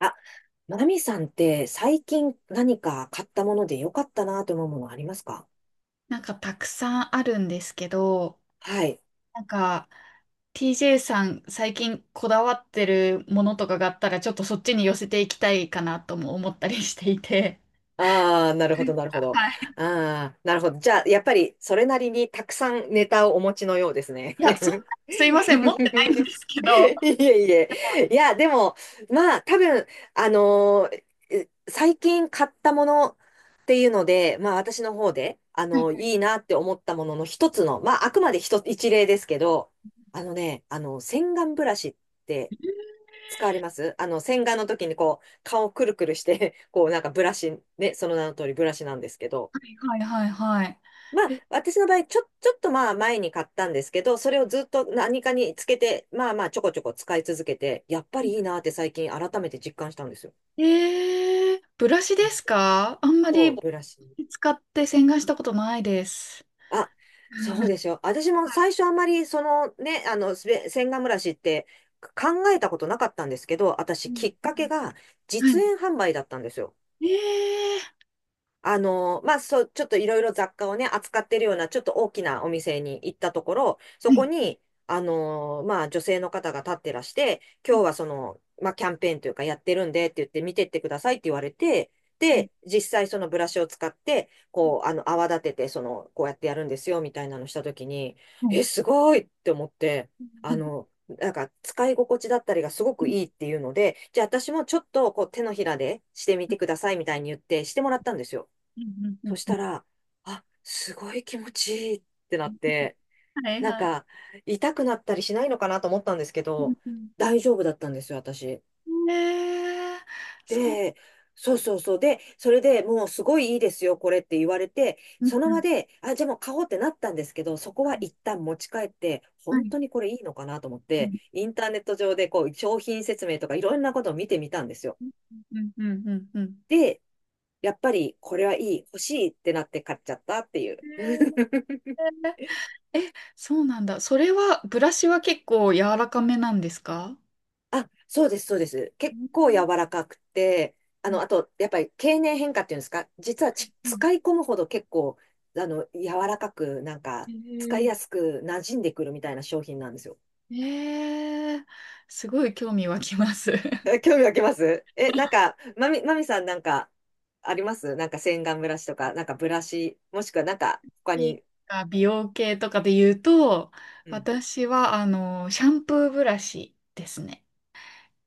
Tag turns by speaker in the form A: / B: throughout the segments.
A: あ、まなみさんって最近何か買ったもので良かったなと思うものありますか？
B: なんかたくさんあるんですけど、
A: はい。
B: なんか TJ さん最近こだわってるものとかがあったらちょっとそっちに寄せていきたいかなとも思ったりしていて。
A: ああ、なるほど、なるほど。
B: はい。
A: ああ、なるほど。じゃあ、やっぱりそれなりにたくさんネタをお持ちのようですね。
B: いや、そんな、すいません、持ってないんで すけ ど。は
A: いえいえ。いや、でも、まあ、多分、あのーえ最近買ったものっていうので、まあ、私の方で、
B: い
A: いいなって思ったものの一つの、まあ、あくまで一つ、一例ですけど、あのね、洗顔ブラシって使われます？洗顔の時にこう、顔をくるくるして、こう、なんかブラシ、ね、その名の通りブラシなんですけど、
B: はいはいはいは
A: まあ、私の場合、ちょっとまあ前に買ったんですけど、それをずっと何かにつけて、まあまあちょこちょこ使い続けて、やっぱりいいなって最近改めて実感したんですよ。
B: い。えー、ブラシですか？あんま
A: そ
B: り
A: う、ブラシ。
B: 使って洗顔したことないです。
A: あ、そうで すよ。私も
B: はい。
A: 最初あんまり、そのね、洗顔ブラシって考えたことなかったんですけど、
B: う
A: 私
B: ん
A: きっかけが
B: うん
A: 実
B: は
A: 演販売だったんですよ。
B: いえー、
A: まあ、そう、ちょっといろいろ雑貨をね、扱ってるような、ちょっと大きなお店に行ったところ、そこに、まあ、女性の方が立ってらして、
B: う
A: 今日
B: ん
A: はその、まあ、キャンペーンというかやってるんでって言って見てってくださいって言われて、
B: う
A: で、実際そのブラシを使って、こう、泡立てて、その、こうやってやるんですよ、みたいなのしたときに、
B: んうんは
A: え、
B: い
A: すごいって思って、なんか使い心地だったりがすごくいいっていうので、じゃあ私もちょっとこう手のひらでしてみ
B: う
A: て
B: ん
A: くださいみたいに言ってしてもらったんですよ。
B: うんう
A: そ
B: ん
A: し
B: う
A: た
B: ん
A: ら、あ、すごい気持ちいいってなって、
B: はい
A: なん
B: はい。
A: か、痛くなったりしないのかなと思ったんですけ
B: うん
A: ど、
B: うんう
A: 大丈夫だったんですよ、私。
B: んねえ、そう。
A: で、そうそうそう。で、それでもうすごいいいですよ、これって言われて、
B: うん
A: その
B: う
A: 場
B: ん
A: で、あ、じゃあもう買おうってなったんですけど、そこは一旦持ち帰って、
B: は
A: 本
B: い。
A: 当にこれいいのかなと思っ
B: う
A: て、
B: ん
A: インターネット上でこう、商品説明とかいろんなことを見てみたんですよ。
B: うんうんうんうん。
A: で、やっぱりこれはいい、欲しいってなって買っちゃったっていう。
B: え ー、えそうなんだ。それは、ブラシは結構柔らかめなんですか？
A: あ、そうです、そうです。
B: う
A: 結
B: ん
A: 構柔らかくて、
B: うん
A: あと、やっぱり経年変化っていうんですか、実は
B: はいうん
A: 使い込むほど結構、柔らかく、なん
B: え
A: か、使い
B: ー
A: やすく馴染んでくるみたいな商品なんですよ。
B: えーすごい興味湧きます。
A: え、興味湧きます？なんか、まみさんなんか、ありますなんか洗顔ブラシとか、なんかブラシ、もしくはなんか、他
B: いい
A: に？
B: か美容系とかで言うと、
A: うん。
B: 私は、シャンプーブラシですね。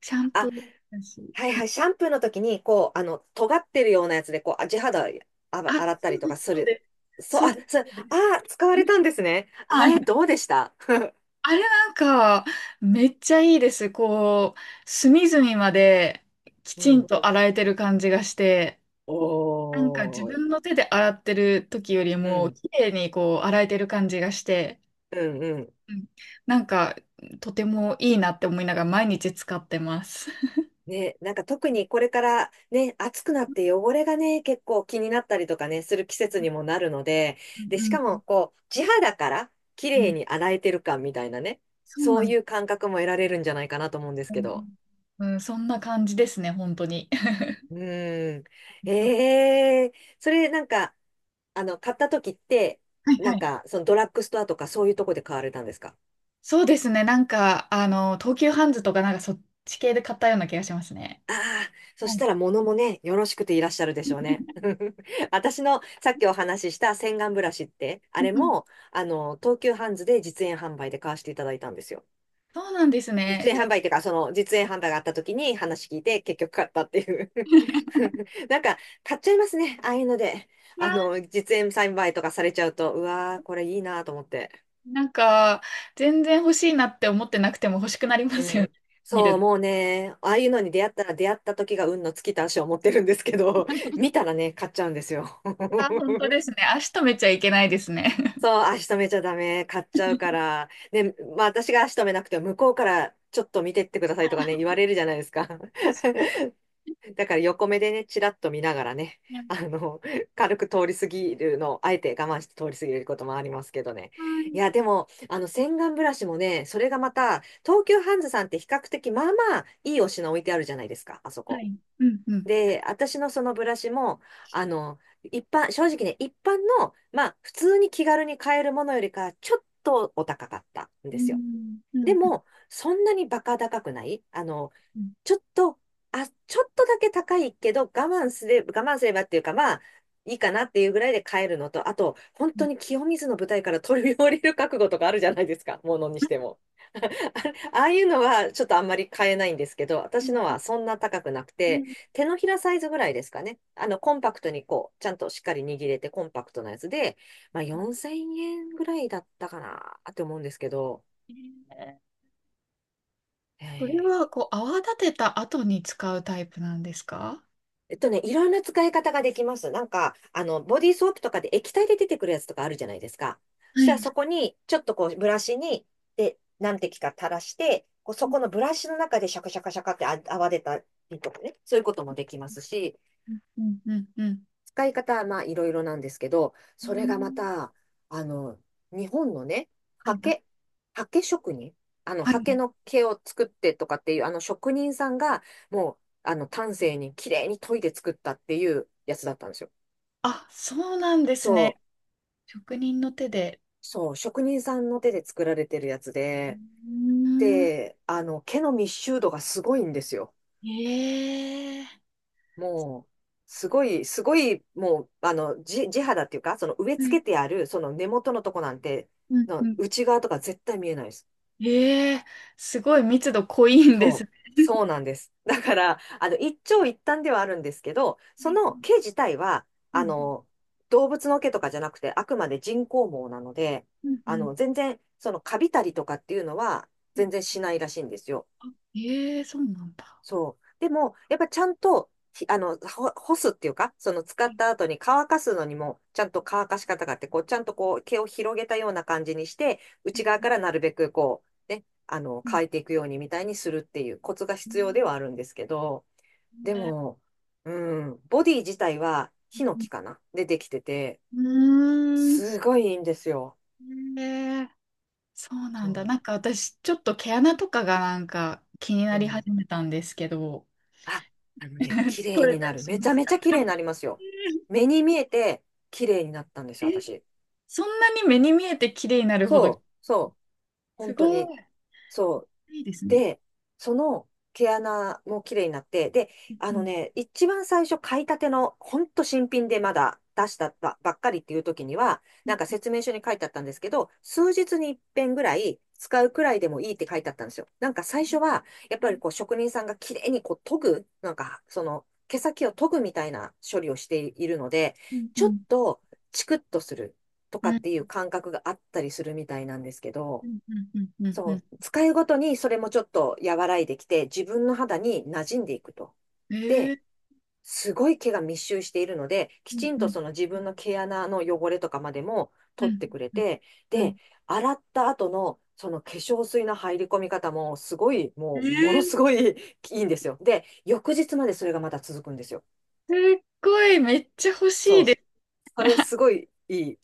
B: シャンプ
A: あ、
B: ーだし。
A: はいは
B: は、
A: い、シャンプーの時に、こう、尖ってるようなやつで、こう、地肌
B: あ、
A: 洗った
B: そ
A: り
B: う
A: と
B: で
A: か
B: す、
A: す
B: そう
A: る。
B: です。
A: そう、
B: そう
A: あ、
B: です、
A: そう、
B: そうです。
A: 使われたんですね。あ
B: は
A: れ、
B: い。
A: どうでした？
B: あれなんか、めっちゃいいです。こう、隅々までき
A: う
B: ちん
A: ん。
B: と洗えてる感じがして、
A: お
B: なんか自
A: ー、
B: 分の手で洗ってる時より
A: う
B: も、
A: ん、
B: 綺麗にこう、洗えてる感じがして、
A: うん、うん。
B: うん、なんか、とてもいいなって思いながら毎日使ってます。
A: ね、なんか特にこれからね、暑くなって汚れがね、結構気になったりとかね、する季節
B: う
A: にもなるので、で、しか
B: ん
A: もこう、地肌から綺
B: うんう
A: 麗
B: ん。
A: に 洗えてる感みたいなね、
B: そう
A: そ
B: な
A: う
B: んで
A: い
B: す。
A: う感覚も得られるんじゃないかなと思うんです
B: う
A: けど。
B: ん、うんそんな感じですね、本当に。
A: うん。ええ、それなんか、買った時って、
B: はい
A: な
B: は
A: ん
B: い。
A: か、そのドラッグストアとかそういうとこで買われたんですか？
B: そうですね。なんか、あの、東急ハンズとかなんかそっち系で買ったような気がしますね。
A: ああ、そ
B: は
A: し
B: い
A: たら物もね、よろしくていらっしゃるで
B: う
A: しょうね。
B: ん
A: 私のさっきお話しした洗顔ブラシって、あれも、東急ハンズで実演販売で買わせていただいたんですよ。
B: そうなんですね。
A: 実演
B: じゃ
A: 販
B: あ、
A: 売っていうか、その実演販売があった時に話聞いて結局買ったっていう。 なんか、買っちゃいますね。ああいうので。実演販売とかされちゃうと、うわー、これいいなと思って。
B: なんか、全然欲しいなって思ってなくても欲しくなりま
A: う
B: すよね。
A: ん。
B: 見
A: そう、
B: る。
A: もうね、ああいうのに出会ったら出会った時が運の尽きた足を持ってるんですけど、見たらね、買っちゃうんですよ。
B: あ、本当ですね。足止めちゃいけないですね。
A: そう、足止めちゃダメ、買っちゃうから。ね、まあ私が足止めなくても向こうからちょっと見てってくださいとかね、言われるじゃないですか。
B: 確
A: だから横目でね、ちらっと見ながらね、
B: かに。
A: あの、軽く通り過ぎるのを、あえて我慢して通り過ぎることもありますけどね。いや、で
B: は
A: も、洗顔ブラシもね、それがまた、東急ハンズさんって比較的、まあまあ、いいお品置いてあるじゃないですか、あそ
B: いは
A: こ。
B: いうんうん。
A: で、私のそのブラシも、正直ね、一般の、まあ、普通に気軽に買えるものよりか、ちょっとお高かったん
B: う
A: ですよ。
B: んう
A: で
B: んうん
A: も、そんなにバカ高くない
B: うん
A: ちょっと、ちょっとだけ高いけど、我慢すれば、我慢すればっていうか、まあ、いいかなっていうぐらいで買えるのと、あと、本
B: う
A: 当
B: ん
A: に清水の舞台から飛び降りる覚悟とかあるじゃないですか、ものにしても。ああいうのはちょっとあんまり買えないんですけど、
B: う
A: 私
B: ん
A: のはそんな高くなく
B: う
A: て、
B: ん
A: 手のひらサイズぐらいですかね。コンパクトにこう、ちゃんとしっかり握れてコンパクトなやつで、まあ4000円ぐらいだったかなって思うんですけど、
B: えー、それ
A: ええ
B: は、こう、泡立てた後に使うタイプなんですか？
A: いろんな使い方ができます。なんか、ボディーソープとかで液体で出てくるやつとかあるじゃないですか。そ
B: は
A: したら
B: い。
A: そこに、ちょっとこう、ブラシに、で、何滴か垂らして、こうそ
B: う
A: このブラシの中でシャカシャカシャカって泡出たりとかね、そういうこともできますし、
B: んうんうんうん
A: 使い方はまあいろいろなんですけど、
B: う
A: それがま
B: ん。
A: た、あの、日本のね、
B: はい
A: 刷
B: な。
A: 毛、刷毛職人、
B: あは
A: 刷
B: い。
A: 毛の毛を作ってとかっていう、あの職人さんが、もう、丹精に綺麗に研いで作ったっていうやつだったんですよ。
B: あ、そうなんです
A: そ
B: ね。
A: う、
B: 職人の手で。
A: そう、職人さんの手で作られてるやつ
B: う
A: で、
B: ーん。
A: で、毛の密集度がすごいんですよ。
B: ええ
A: もう、すごい、すごい、もう、地肌っていうか、その植え
B: は
A: 付
B: い。
A: けてある、その根元のとこなんて、
B: うん。う
A: の
B: ん。
A: 内側とか絶対見えないです。
B: ええすごい密度濃いんです
A: そ
B: ね。
A: う。そうなんです。だから、一長一短ではあるんですけど、
B: は
A: そ
B: い。
A: の毛自体は、
B: う
A: あ
B: ん。
A: の、動物の毛とかじゃなくて、あくまで人工毛なので、
B: うん。うん。
A: 全然、その、カビたりとかっていうのは、
B: うん
A: 全然しないらしいんですよ。
B: ええそうなんだ。
A: そう。でも、やっぱちゃんと、ひあの、ほ干すっていうか、その使
B: は
A: っ
B: い
A: た後に乾かすのにも、ちゃんと乾かし方があって、こう、ちゃんとこう、毛を広げたような感じにして、
B: う
A: 内側
B: ん
A: からなるべくこう、ね、
B: うん
A: 乾いていくようにみたいにするっていうコツが
B: う
A: 必要で
B: ん
A: はあるんですけど、でも、うん、ボディ自体はヒノ
B: うん
A: キかなでできてて、
B: うんう
A: す
B: ー
A: ごいいいんですよ。
B: んええそうなんだ。
A: そ
B: なんか私、ちょっと毛穴とかがなんか気に
A: う。
B: な
A: う
B: り
A: ん。
B: 始めたんですけど、
A: あ、あのね、綺
B: 取
A: 麗
B: れ
A: に
B: た
A: な
B: り
A: る。
B: し
A: め
B: ま
A: ちゃ
B: す
A: め
B: か？
A: ちゃ綺麗になりますよ。目に見えて綺麗になったんですよ、私。
B: そんなに目に見えて綺麗になるほど、
A: そう、そう。
B: す
A: 本当に。
B: ごい。
A: そう。
B: いいですね。
A: で、その毛穴も綺麗になって、で、あ
B: う
A: の
B: ん
A: ね、一番最初買いたての、ほんと新品でまだ出したばっかりっていう時には、
B: う
A: な
B: ん
A: んか説明書に書いてあったんですけど、数日に一遍ぐらい使うくらいでもいいって書いてあったんですよ。なんか最初は、やっぱりこう職人さんが綺麗にこう研ぐ、なんかその毛先を研ぐみたいな処理をしているので、
B: う
A: ちょっ
B: ん
A: とチクッとすると
B: う
A: か
B: んう
A: ってい
B: ん
A: う感覚があったりするみたいなんですけ
B: う
A: ど、
B: んうんうんうん
A: そう、使いごとにそれもちょっと和らいできて、自分の肌に馴染んでいくと。
B: うんえ
A: で、
B: ー
A: すごい毛が密集しているので、
B: う
A: き
B: ん
A: ちん
B: う
A: と
B: ん
A: その自
B: う
A: 分
B: ん
A: の毛穴の汚れとかまでも
B: う
A: 取っ
B: ん
A: てくれて、
B: うん
A: で、洗った後のその化粧水の入り込み方もすごい、
B: え
A: もうもの
B: ー
A: すごい いいんですよ。で、翌日までそれがまた続くんですよ。
B: すっごい、めっちゃ欲し
A: そ
B: い
A: う。
B: で
A: それすごいいい。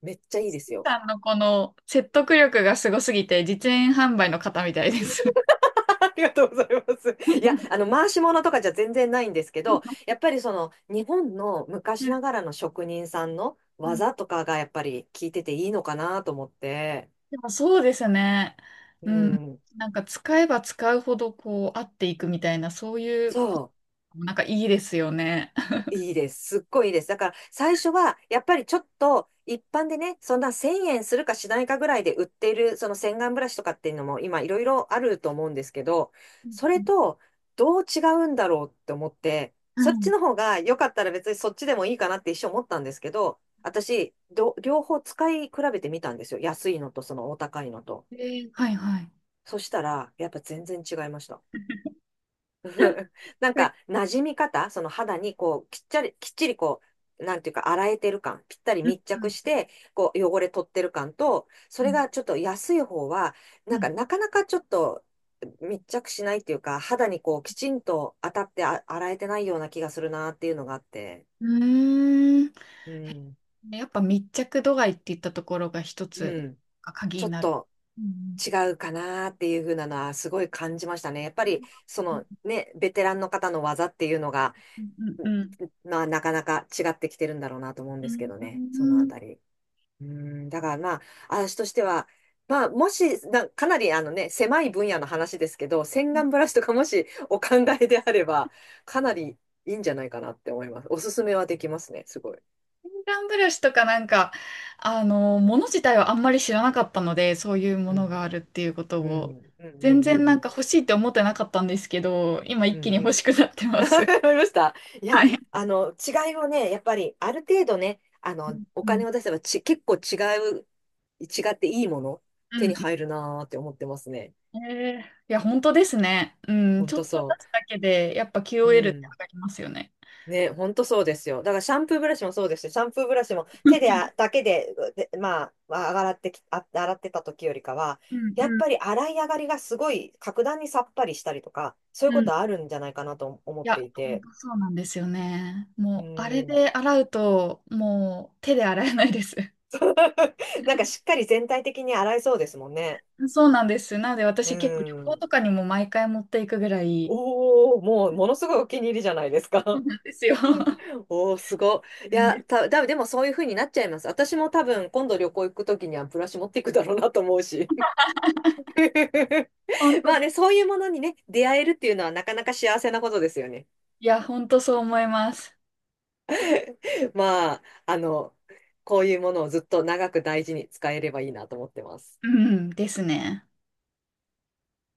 A: めっちゃいいで
B: す。シ
A: す
B: ン
A: よ。
B: さんのこの説得力がすごすぎて、実演販売の方みたいです。
A: ありがとうございます。いや、回し物とかじゃ全然ないんですけど、やっぱりその、日本の
B: う
A: 昔
B: ん
A: ながらの職人さんの
B: うん
A: 技とかがやっぱり聞いてていいのかなと思って、
B: でもそうですね。
A: う
B: うん。
A: ん。
B: なんか使えば使うほどこう合っていくみたいな、そういうこと
A: そう。
B: もなんかいいですよね。
A: いいです。すっごいいいです。だから最初はやっぱりちょっと一般でね、そんな1000円するかしないかぐらいで売っているその洗顔ブラシとかっていうのも今いろいろあると思うんですけど、
B: うん
A: そ
B: う
A: れ
B: ん
A: とどう違うんだろうって思って、そっちの
B: は
A: 方が良かったら別にそっちでもいいかなって一瞬思ったんですけど、私、両方使い比べてみたんですよ。安いのとそのお高いのと。
B: い。えー、はいはい。
A: そしたらやっぱ全然違いました。なんか、
B: え
A: 馴染み方、その肌にこう、きっちり、きっちりこう、なんていうか、洗えてる感、ぴったり
B: うん
A: 密着し
B: うん
A: て、こう、汚れ取ってる感と、それがちょっと安い方は、
B: う
A: なんか、
B: ん
A: なかなかちょっと密着しないっていうか、肌にこう、きちんと当たって洗えてないような気がするなっていうのがあって、
B: うんうー
A: うん、
B: ん。やっぱ密着度合いって言ったところが一
A: う
B: つ
A: ん、
B: が鍵
A: ちょ
B: に
A: っ
B: なる。
A: と
B: うん
A: 違うかなっていう風なのは、すごい感じましたね。やっぱり、そ
B: うん
A: のね、ベテランの方の技っていうのが、
B: うんうん
A: まあ、なかなか違ってきてるんだろうなと思うん
B: う
A: ですけ
B: ん
A: どね、その
B: う
A: あ
B: ん
A: たり。うん、だからまあ、私としては、まあ、もし、かなりあのね、狭い分野の話ですけど、洗
B: うん
A: 顔ブラシとかもしお考えであれば、かなりいいんじゃないかなって思います。おすすめはできますね、すごい。
B: 洗顔ブラシとかなんか、もの自体はあんまり知らなかったので、そういうも
A: う
B: のが
A: ん。
B: あるっていうこと
A: う
B: を、
A: ん、うん、う
B: 全然
A: ん、う
B: なんか
A: ん、
B: 欲しいって思ってなかったんですけど、今
A: うん。
B: 一
A: う
B: 気に欲
A: ん
B: しくなってます。
A: 思いました。い
B: は
A: や、
B: い。
A: 違いをね、やっぱり、ある程度ね、お
B: うん
A: 金を出せば結構う、違っていいもの、
B: う
A: 手に
B: ん
A: 入るなーって思ってますね。
B: えー、いや、本当ですね。うん、
A: ほん
B: ちょっ
A: と
B: と出
A: そ
B: すだけで、やっぱ
A: う。う
B: QOL って上
A: ん。
B: がりますよね。
A: ね、ほんとそうですよ。だから、シャンプーブラシもそうですし、シャンプーブラシも手で、あだけで、で、まあ、洗ってた時よりかは、
B: うん
A: やっ
B: う
A: ぱり洗い上がりがすごい、格段にさっぱりしたりとか、そうい
B: ん
A: う
B: う
A: こ
B: ん。い
A: とあるんじゃないかなと思っ
B: や、
A: てい
B: 本
A: て。
B: 当そうなんですよね。
A: う
B: もう、あれ
A: ん。
B: で洗うと、もう手で洗えないです。
A: なんかしっかり全体的に洗えそうですもんね。
B: そうなんです。なので、
A: う
B: 私結構旅行
A: ん。
B: とかにも毎回持っていくぐらい、
A: おお、もうものすごいお気に入りじゃないです
B: そう
A: か。
B: なんですよ。
A: おお、すごい。
B: う
A: い
B: ん
A: や、
B: で
A: でもそういう風になっちゃいます。私も多分今度旅行行くときにはブラシ持っていくだろうなと思うし。
B: 本 当
A: まあ
B: で
A: ね、
B: す。
A: そういうものにね、出会えるっていうのはなかなか幸せなことですよね。
B: いや、本当そう思います。
A: まあ、こういうものをずっと長く大事に使えればいいなと思ってます。
B: うん、ですね。